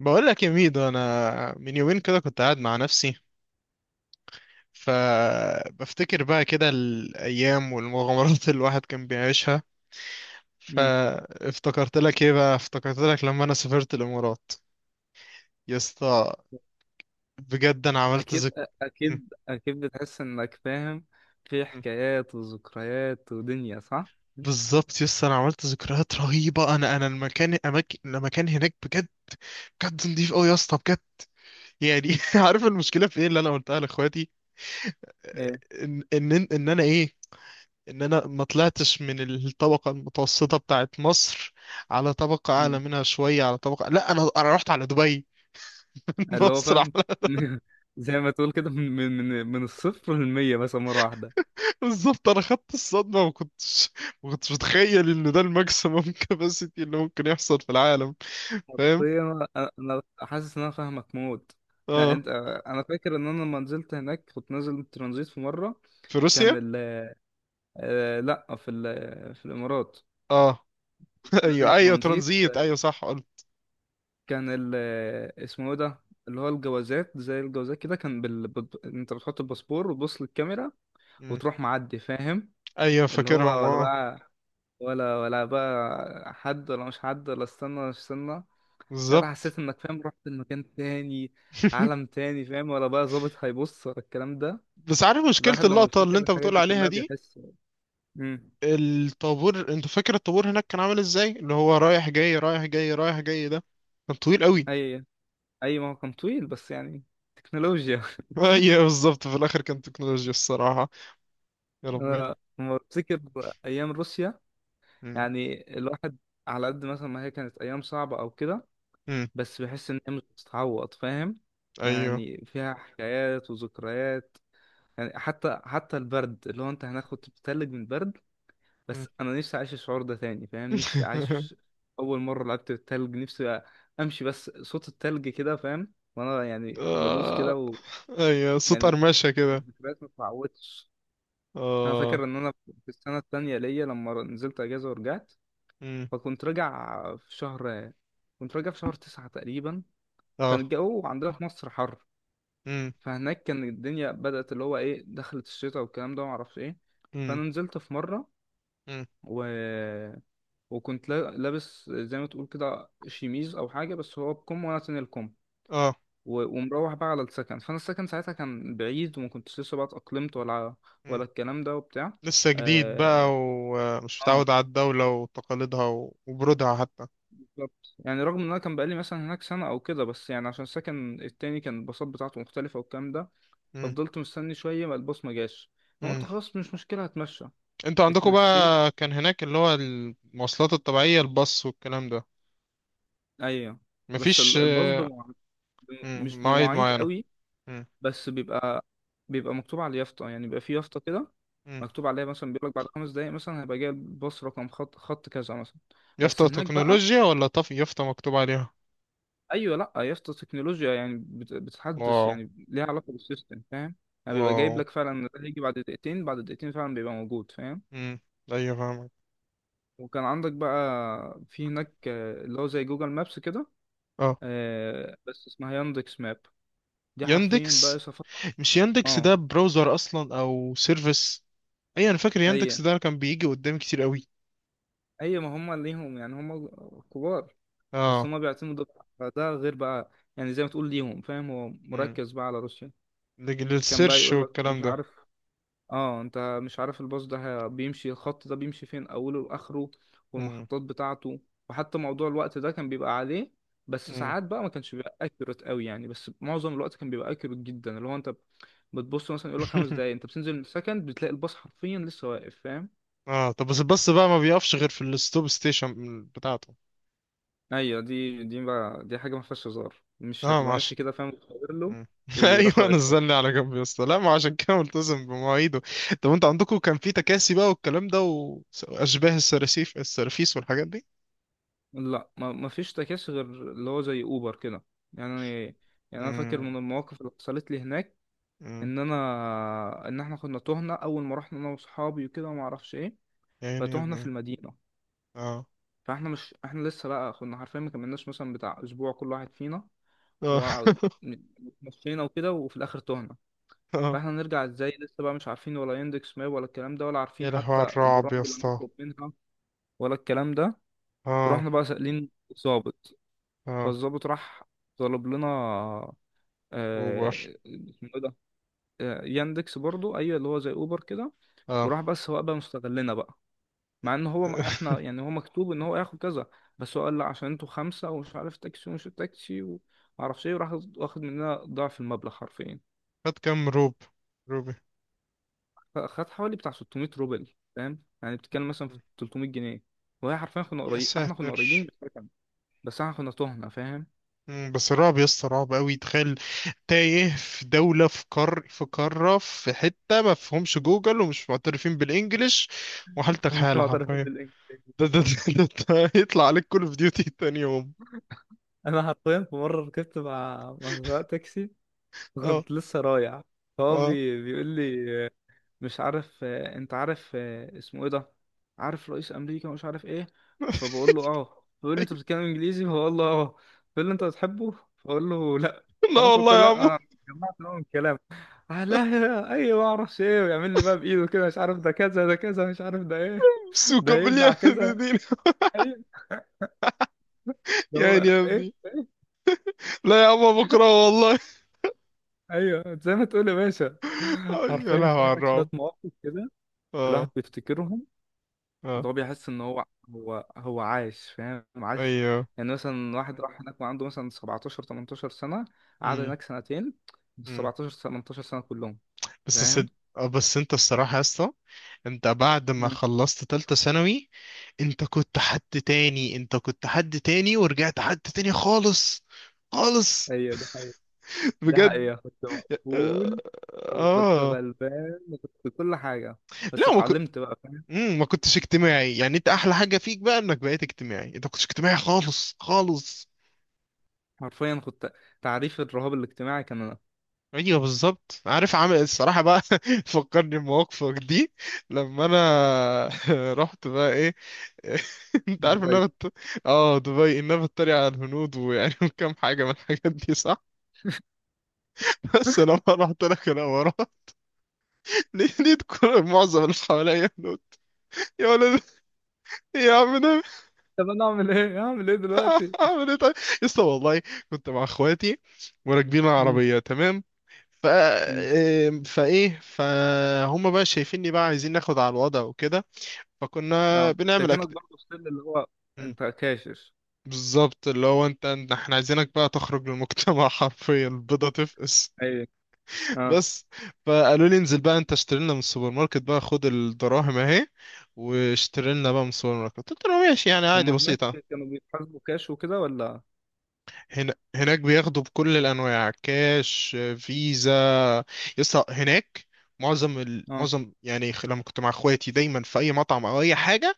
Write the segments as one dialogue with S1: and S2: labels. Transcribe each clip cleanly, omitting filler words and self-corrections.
S1: بقول لك يا ميدو، انا من يومين كده كنت قاعد مع نفسي، فبفتكر بقى كده الايام والمغامرات اللي الواحد كان بيعيشها.
S2: مم.
S1: فافتكرت لك ايه بقى، افتكرت لك لما انا سافرت الامارات. يا اسطى بجد انا عملت
S2: أكيد.
S1: م-
S2: أكيد بتحس إنك فاهم. في
S1: م.
S2: حكايات وذكريات ودنيا، صح؟
S1: بالظبط يا اسطى، انا عملت ذكريات رهيبه. انا المكان هناك بجد بجد نضيف قوي يا اسطى، بجد. يعني عارف المشكله في ايه اللي انا قلتها لاخواتي؟ آه،
S2: إيه.
S1: ان انا ايه، ان انا ما طلعتش من الطبقه المتوسطه بتاعت مصر على طبقه اعلى
S2: مم.
S1: منها شويه، على طبقه، لا انا رحت على دبي
S2: اللي هو
S1: مصر على.
S2: فاهم. زي ما تقول كده، من الصفر للمية بس مرة واحدة.
S1: بالظبط، انا خدت الصدمه. ما كنتش متخيل ان ده الماكسيمم كاباسيتي اللي ممكن يحصل في العالم. فاهم.
S2: حرفيا. أنا حاسس إن أنا فاهمك موت. لا،
S1: اه،
S2: أنت. أنا فاكر إن أنا لما نزلت هناك، كنت نازل ترانزيت في مرة.
S1: في روسيا.
S2: كان ال آه، لأ، في الإمارات.
S1: اه
S2: نازل
S1: ايوه ايوه
S2: ترانزيت.
S1: ترانزيت، ايوه صح قلت.
S2: كان ال اسمه ايه ده؟ اللي هو الجوازات زي الجوازات كده، كان انت بتحط الباسبور وتبص للكاميرا
S1: مم.
S2: وتروح معدي، فاهم؟
S1: ايوه
S2: اللي
S1: فاكرهم،
S2: هو ولا
S1: اه.
S2: بقى، ولا بقى حد، ولا مش حد، ولا استنى، ولا مش استنى. ساعتها
S1: بالظبط.
S2: حسيت انك، فاهم، رحت لمكان تاني، عالم تاني. فاهم؟ ولا بقى ظابط هيبص، ولا الكلام ده.
S1: بس عارف مشكله
S2: الواحد لما
S1: اللقطه اللي
S2: بيفتكر
S1: انت
S2: الحاجات
S1: بتقول
S2: دي
S1: عليها
S2: كلها
S1: دي؟
S2: بيحس. امم
S1: الطابور، انت فاكر الطابور هناك كان عامل ازاي؟ اللي هو رايح جاي رايح جاي رايح جاي ده، كان طويل قوي.
S2: اي، اي، ما هو كان طويل، بس يعني تكنولوجيا.
S1: ايوه بالظبط، في الاخر كان تكنولوجيا الصراحه. يا ربي.
S2: أنا لما بفتكر ايام روسيا،
S1: مم.
S2: يعني الواحد، على قد مثلا ما هي كانت أيام صعبة أو كده،
S1: مم.
S2: بس بحس إن هي مش بتتعوض، فاهم؟
S1: ايوه.
S2: يعني فيها حكايات وذكريات. يعني حتى البرد اللي هو أنت هناك كنت بتتلج من البرد.
S1: مم.
S2: بس أنا نفسي أعيش الشعور ده تاني، فاهم؟ نفسي أعيش. أول مرة لعبت بالتلج نفسي أمشي بس صوت التلج كده، فاهم؟ وأنا يعني بدوس
S1: آه.
S2: كده.
S1: ايوه، صوت
S2: ويعني
S1: قرمشه كده.
S2: الذكريات ما بتتعوضش. أنا
S1: اه.
S2: فاكر إن أنا في السنة التانية ليا لما نزلت أجازة ورجعت،
S1: مم.
S2: فكنت راجع في شهر 9 تقريبا. كان
S1: اه.
S2: الجو عندنا في مصر حر،
S1: مم.
S2: فهناك كان الدنيا بدأت، اللي هو ايه، دخلت الشتاء والكلام ده، ومعرفش ايه.
S1: مم.
S2: فأنا نزلت في مرة،
S1: مم.
S2: و... وكنت لابس زي ما تقول كده شيميز أو حاجة، بس هو بكم، وأنا تاني الكم.
S1: اه.
S2: ومروح بقى على السكن، فأنا السكن ساعتها كان بعيد، وما كنتش لسه بقى اتأقلمت، ولا
S1: مم.
S2: الكلام ده وبتاع.
S1: لسه جديد بقى
S2: اه.
S1: ومش
S2: آه،
S1: متعود على الدوله وتقاليدها وبرودها حتى.
S2: بالظبط، يعني رغم ان انا كان بقالي مثلا هناك سنه او كده، بس يعني عشان السكن التاني كان الباصات بتاعته مختلفه والكلام ده. ففضلت مستني شويه ما الباص ما جاش. انا قلت
S1: مم.
S2: خلاص، مش مشكله، هتمشى.
S1: انتوا عندكم
S2: اتمشيت.
S1: بقى كان هناك اللي هو المواصلات الطبيعية، الباص والكلام ده؟
S2: ايوه، بس
S1: مفيش.
S2: الباص مش
S1: مم، مواعيد
S2: بمواعيد
S1: معينة.
S2: قوي،
S1: مم.
S2: بس بيبقى مكتوب على اليافطه، يعني بيبقى في يافطه كده
S1: مم.
S2: مكتوب عليها مثلا، بيقول لك بعد 5 دقايق مثلا هيبقى جاي الباص رقم خط خط كذا مثلا. بس
S1: يافطة
S2: هناك بقى،
S1: تكنولوجيا ولا طف يافطة مكتوب عليها؟
S2: ايوه، لا يا اسطى، التكنولوجيا يعني بتحدث،
S1: واو.
S2: يعني ليها علاقه بالسيستم، فاهم؟ يعني بيبقى
S1: واو.
S2: جايب لك فعلا ده هيجي بعد دقيقتين، بعد دقيقتين فعلا بيبقى موجود، فاهم؟
S1: مم. ايوه فاهمك.
S2: وكان عندك بقى في هناك، آه، اللي هو زي جوجل مابس كده،
S1: اه
S2: آه، بس اسمها ياندكس ماب. دي حرفيا بقى
S1: ياندكس.
S2: سفر.
S1: مش ياندكس ده
S2: اه.
S1: براوزر اصلا او سيرفيس؟ اي، انا فاكر
S2: هي
S1: ياندكس ده كان بيجي قدامي كتير قوي.
S2: هي ما هم ليهم، يعني هم كبار، بس
S1: اه.
S2: هم بيعتمدوا ده غير بقى يعني، زي ما تقول ليهم، فاهم؟ هو
S1: مم.
S2: مركز بقى على روسيا. كان بقى
S1: للسيرش
S2: يقول لك، مش
S1: والكلام ده.
S2: عارف، اه، انت مش عارف الباص ده، بيمشي الخط ده بيمشي فين، اوله واخره،
S1: مم.
S2: والمحطات بتاعته. وحتى موضوع الوقت ده كان بيبقى عليه. بس
S1: مم.
S2: ساعات بقى ما كانش بيبقى اكيوريت قوي، يعني بس معظم الوقت كان بيبقى اكيوريت جدا، اللي هو انت بتبص مثلا يقول لك 5 دقايق، انت بتنزل من السكند بتلاقي الباص حرفيا لسه واقف، فاهم؟
S1: اه، طب بس الباص بقى ما بيقفش غير في الستوب ستيشن بتاعته.
S2: ايوه، دي بقى دي حاجه ما فيهاش هزار، مش
S1: اه
S2: هتبقى
S1: ماشي.
S2: ماشي كده فاهم وتغير له
S1: مم.
S2: ويروح
S1: ايوه
S2: واقفك.
S1: نزلني على جنب يا اسطى، لا ما عشان كده ملتزم بمواعيده. طب انت عندكم كان في تكاسي بقى والكلام ده؟ واشباه السراسيف، السرافيس والحاجات دي؟
S2: لا، ما فيش تكاسي غير اللي هو زي اوبر كده، يعني يعني انا فاكر
S1: امم.
S2: من المواقف اللي حصلت لي هناك،
S1: امم.
S2: ان احنا كنا تهنا اول ما رحنا، انا واصحابي وكده وما اعرفش ايه.
S1: يا عيني يا
S2: فتهنا في
S1: ابني.
S2: المدينه.
S1: اه.
S2: فاحنا مش احنا لسه بقى كنا حرفيا ما كملناش مثلا بتاع اسبوع كل واحد فينا،
S1: اه.
S2: ومشينا وكده، وفي الاخر تهنا.
S1: اه.
S2: فاحنا نرجع ازاي، لسه بقى مش عارفين ولا يندكس ماب ولا الكلام ده، ولا عارفين
S1: يا لهوي
S2: حتى
S1: على الرعب يا
S2: البرامج اللي
S1: اسطى.
S2: هنطلب منها، ولا الكلام ده.
S1: اه.
S2: ورحنا بقى سائلين الضابط.
S1: اه.
S2: فالضابط راح طلب لنا،
S1: اوبر.
S2: آه، اسمه إيه ده؟ آه، ياندكس برضو، ايوه، اللي هو زي اوبر كده.
S1: اه.
S2: وراح، بس هو بقى مستغلنا بقى، مع ان هو احنا يعني هو مكتوب ان هو ياخد كذا، بس هو قال لا عشان انتوا خمسه ومش عارف تاكسي ومش تاكسي ومعرفش ايه، وراح واخد مننا ضعف المبلغ حرفيا.
S1: خد كام روب، روبي.
S2: خد حوالي بتاع 600 روبل، فاهم؟ يعني بتتكلم مثلا في
S1: مم.
S2: 300 جنيه. وهي حرفيا، كنا
S1: يا
S2: قريب احنا كنا قريبين
S1: ساتر.
S2: بس هو بس احنا كنا تهنا، فاهم؟
S1: مم، بس رعب يا اسطى رعب قوي، تخيل. تايه في دولة، في قار، في قارة، في حتة ما فيهمش جوجل ومش معترفين بالانجليش، وحالتك
S2: مش
S1: حالة
S2: معترفين
S1: حرفيا.
S2: بالانجلش.
S1: ده ده يطلع عليك كول اوف ديوتي تاني يوم.
S2: انا حرفيا في مره ركبت مع سواق تاكسي،
S1: اه.
S2: وكنت لسه رايع. فهو
S1: اه.
S2: بيقول لي، مش عارف، آه، انت عارف، آه، اسمه ايه ده، عارف رئيس امريكا مش عارف ايه. فبقول له اه، بيقول لي انت بتتكلم انجليزي، فبقول له اه. بيقول لي انت بتحبه، فبقول له لا.
S1: لا
S2: رحت قلت له
S1: والله يا
S2: لا،
S1: عمو.
S2: انا جمعت نوع من الكلام. آه، لا، ايوه، ما اعرفش ايه، ويعمل لي بقى بايده كده، مش عارف ده كذا ده كذا، مش عارف ده ايه، ده
S1: سوكا
S2: هيبلع
S1: بالله.
S2: كذا.
S1: دين.
S2: ايوه. ده
S1: يا
S2: هو.
S1: عيني يا
S2: ايه.
S1: ابني. لا يا عمو بكره والله.
S2: ايوه. زي ما تقول يا باشا.
S1: أي، يا
S2: عارفين
S1: لهوي
S2: في
S1: على
S2: هناك شويه
S1: الرعب.
S2: مواقف كده، الواحد
S1: اه.
S2: بيفتكرهم.
S1: اه.
S2: ده هو بيحس ان هو عايش، فاهم؟ عايش.
S1: ايوه.
S2: يعني مثلا واحد راح هناك وعنده مثلا 17 18 سنة، قعد
S1: مم.
S2: هناك سنتين، بال
S1: مم.
S2: 17 18 سنة كلهم،
S1: بس
S2: فاهم؟
S1: سد... آه، بس انت الصراحة يا اسطى، انت بعد ما
S2: مم.
S1: خلصت تالتة ثانوي، انت كنت حد تاني. انت كنت حد تاني ورجعت حد تاني خالص، خالص.
S2: ايوه، دي حقيقة. دي
S1: بجد.
S2: حقيقة كنت مقفول، وكنت
S1: اه.
S2: غلبان، وكنت كل حاجة. بس
S1: لا ما, كنت...
S2: اتعلمت بقى، فاهم؟
S1: مم، ما كنتش اجتماعي يعني. انت احلى حاجة فيك بقى انك بقيت اجتماعي. انت ما كنتش اجتماعي خالص خالص.
S2: حرفيا كنت تعريف الرهاب الاجتماعي كان انا.
S1: ايوه بالظبط. عارف عامل الصراحة بقى فكرني بمواقفك دي لما انا رحت بقى. انت عارف ان انا
S2: دلوقتي
S1: بت... اه دبي، ان انا بتريق على الهنود ويعني وكم حاجه من الحاجات دي صح؟ بس لما رحت لك انا ورا، لقيت كل معظم اللي حواليا هنود. يا ولد، يا عم ده.
S2: طب انا اعمل ايه؟ اعمل ايه دلوقتي؟
S1: اعمل ايه طيب؟ يسطا والله كنت مع اخواتي وراكبين
S2: مم.
S1: العربيه، تمام. ف
S2: مم.
S1: ام، فايه، فهم بقى شايفيني بقى عايزين ناخد على الوضع وكده. فكنا
S2: اه،
S1: بنعمل
S2: شايفينك برضه ستيل اللي هو
S1: مم.
S2: انت كاشف.
S1: بالظبط، اللي هو احنا عايزينك بقى تخرج للمجتمع. حرفيا البيضة تفقس.
S2: ايوه. اه،
S1: بس فقالوا لي انزل بقى انت، اشتري لنا من السوبر ماركت بقى، خد الدراهم اهي واشتري لنا بقى من السوبر ماركت. قلت له ماشي يعني
S2: هم
S1: عادي،
S2: هناك
S1: بسيطة.
S2: كانوا بيتحاسبوا كاش وكده ولا؟
S1: هنا، هناك بياخدوا بكل الانواع، كاش، فيزا. يسطا هناك معظم ال...
S2: اه.
S1: معظم يعني لما كنت مع اخواتي دايما في اي مطعم او اي حاجة،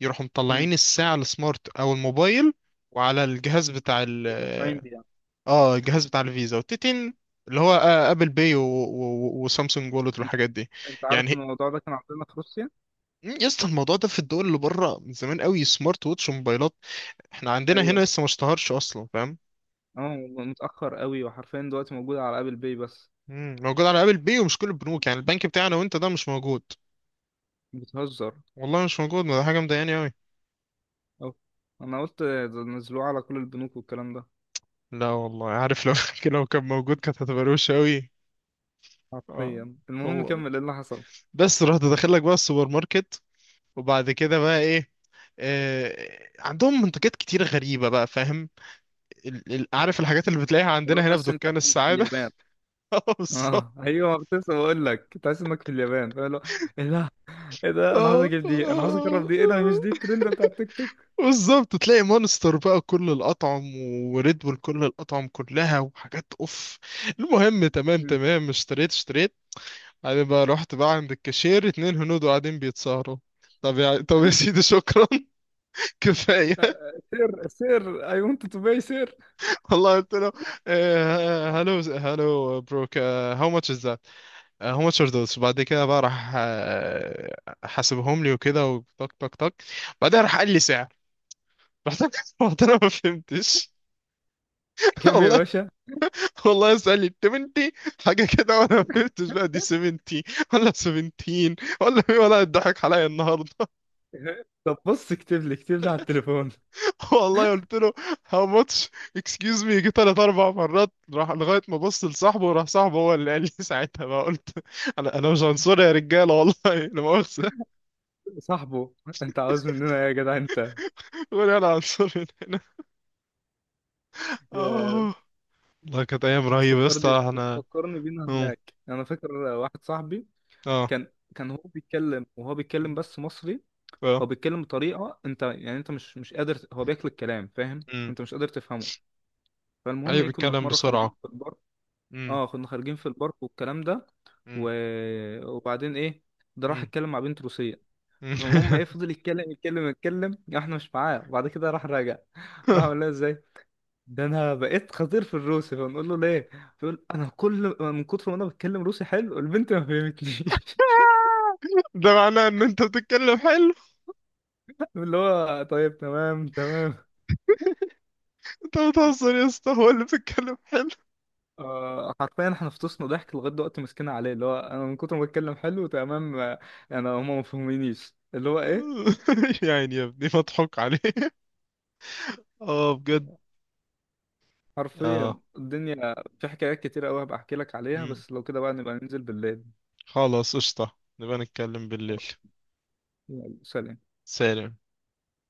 S1: يروحوا
S2: امم.
S1: مطلعين الساعة السمارت او الموبايل وعلى الجهاز بتاع ال،
S2: مدفعين بيه يعني.
S1: اه، الجهاز بتاع الفيزا والتتين. اللي هو ابل باي وسامسونج وولت
S2: انت
S1: والحاجات دي.
S2: أنت عارف ان
S1: يعني
S2: الموضوع ده كان عندنا في روسيا.
S1: مم، يا اسطى الموضوع ده في الدول اللي بره من زمان قوي، سمارت ووتش وموبايلات. احنا عندنا هنا
S2: ايوه.
S1: لسه ما اشتهرش اصلا، فاهم.
S2: اه، متأخر قوي، وحرفيا دلوقتي موجود على ابل باي بس.
S1: مم، موجود على ابل بي ومش كل البنوك يعني، البنك بتاعنا وانت ده مش موجود.
S2: بتهزر.
S1: والله مش موجود، ما ده حاجه مضايقاني قوي.
S2: اه، انا قلت ده نزلوه على كل البنوك والكلام ده.
S1: لا والله، عارف لو لو كان موجود كانت هتبقى روشه قوي. اه
S2: حرفيا المهم
S1: والله.
S2: كمل ايه اللي حصل.
S1: بس رحت داخل لك بقى السوبر ماركت، وبعد كده بقى ايه، آه عندهم منتجات كتير غريبه بقى فاهم. عارف الحاجات اللي بتلاقيها
S2: اللي هو
S1: عندنا هنا في
S2: تحس انت
S1: دكان
S2: انت في
S1: السعاده؟
S2: اليابان.
S1: اه بالظبط.
S2: اه، ايوه، كنت لسه بقول لك تحس انك في اليابان، فاللي هو ايه ده، ايه ده، انا عايز اجيب دي، انا عايز اجرب دي، ايه ده، مش دي الترند بتاع التيك توك؟
S1: بالظبط، تلاقي مونستر بقى كل الأطعم وريد بول كل الأطعم كلها وحاجات أوف. المهم تمام تمام، اشتريت. بعدين بقى رحت بقى عند الكاشير، اتنين هنود قاعدين بيتسهروا. طب يا سيدي شكرا. كفاية.
S2: سير سير، اي ونت تو باي سير.
S1: والله قلت له هلو هلو، بروك، هاو ماتش از ذات، هاو ماتش ار ذوز. بعد كده بقى راح، حاسبهم لي وكده، وطك طك طك. بعدين راح قال لي سعر. رحت رحت انا ما فهمتش.
S2: كم يا
S1: والله.
S2: باشا؟
S1: والله اسأل لي 70 حاجة كده، وانا ما فهمتش بقى دي 70 ولا 17 ولا ايه، ولا اتضحك عليا النهارده.
S2: طب بص اكتب لي، اكتب لي على التليفون.
S1: والله قلت له هاو ماتش، اكسكيوز مي، جه ثلاث اربع مرات راح لغاية ما بص لصاحبه، وراح صاحبه هو اللي قال لي. ساعتها بقى قلت، انا مش عنصري يا رجالة والله لا مؤاخذة.
S2: صاحبه، انت عاوز مننا ايه يا جدع انت؟
S1: قول انا عنصري من هنا.
S2: يا.
S1: اه. والله كانت ايام رهيبة يا
S2: بتفكرني،
S1: اسطى، احنا.
S2: بتفكرني بينا
S1: اه.
S2: هناك. انا فاكر واحد صاحبي
S1: اه.
S2: كان كان هو بيتكلم، وهو بيتكلم بس مصري،
S1: اه.
S2: هو بيتكلم بطريقه انت، يعني انت مش قادر، هو بياكل الكلام، فاهم؟
S1: امم.
S2: انت مش قادر تفهمه. فالمهم
S1: ايوه،
S2: ايه، كنا في
S1: بيتكلم
S2: مره خارجين
S1: بسرعة.
S2: في البارك،
S1: امم.
S2: اه كنا خارجين في البارك والكلام ده،
S1: امم.
S2: و... وبعدين ايه، ده راح
S1: امم.
S2: اتكلم مع بنت روسيه. فالمهم ايه، فضل يتكلم يتكلم يتكلم، احنا مش معاه، وبعد كده راح راجع. راح قال لها ازاي ده انا بقيت خطير في الروسي؟ فنقول له ليه؟ فيقول انا كل من كتر ما انا بتكلم روسي حلو، البنت ما فهمتنيش.
S1: ده معناه ان انت بتتكلم حلو.
S2: اللي هو طيب تمام تمام.
S1: انت بتهزر يا اسطى، هو اللي بيتكلم حلو.
S2: آه، حرفيا احنا فطسنا ضحك لغايه دلوقتي، ماسكينها عليه، اللي هو انا من كتر ما بتكلم حلو تمام، آه، انا هما ما فهمينيش، اللي هو ايه.
S1: يعني يا ابني مضحوك عليه. اه بجد. اه.
S2: حرفيا الدنيا في حكايات كتير قوي، هبقى احكي لك عليها،
S1: مم.
S2: بس لو كده بقى نبقى ننزل بالليل.
S1: خلاص قشطة، نبقى نتكلم بالليل.
S2: يلا، سلام.
S1: سلام.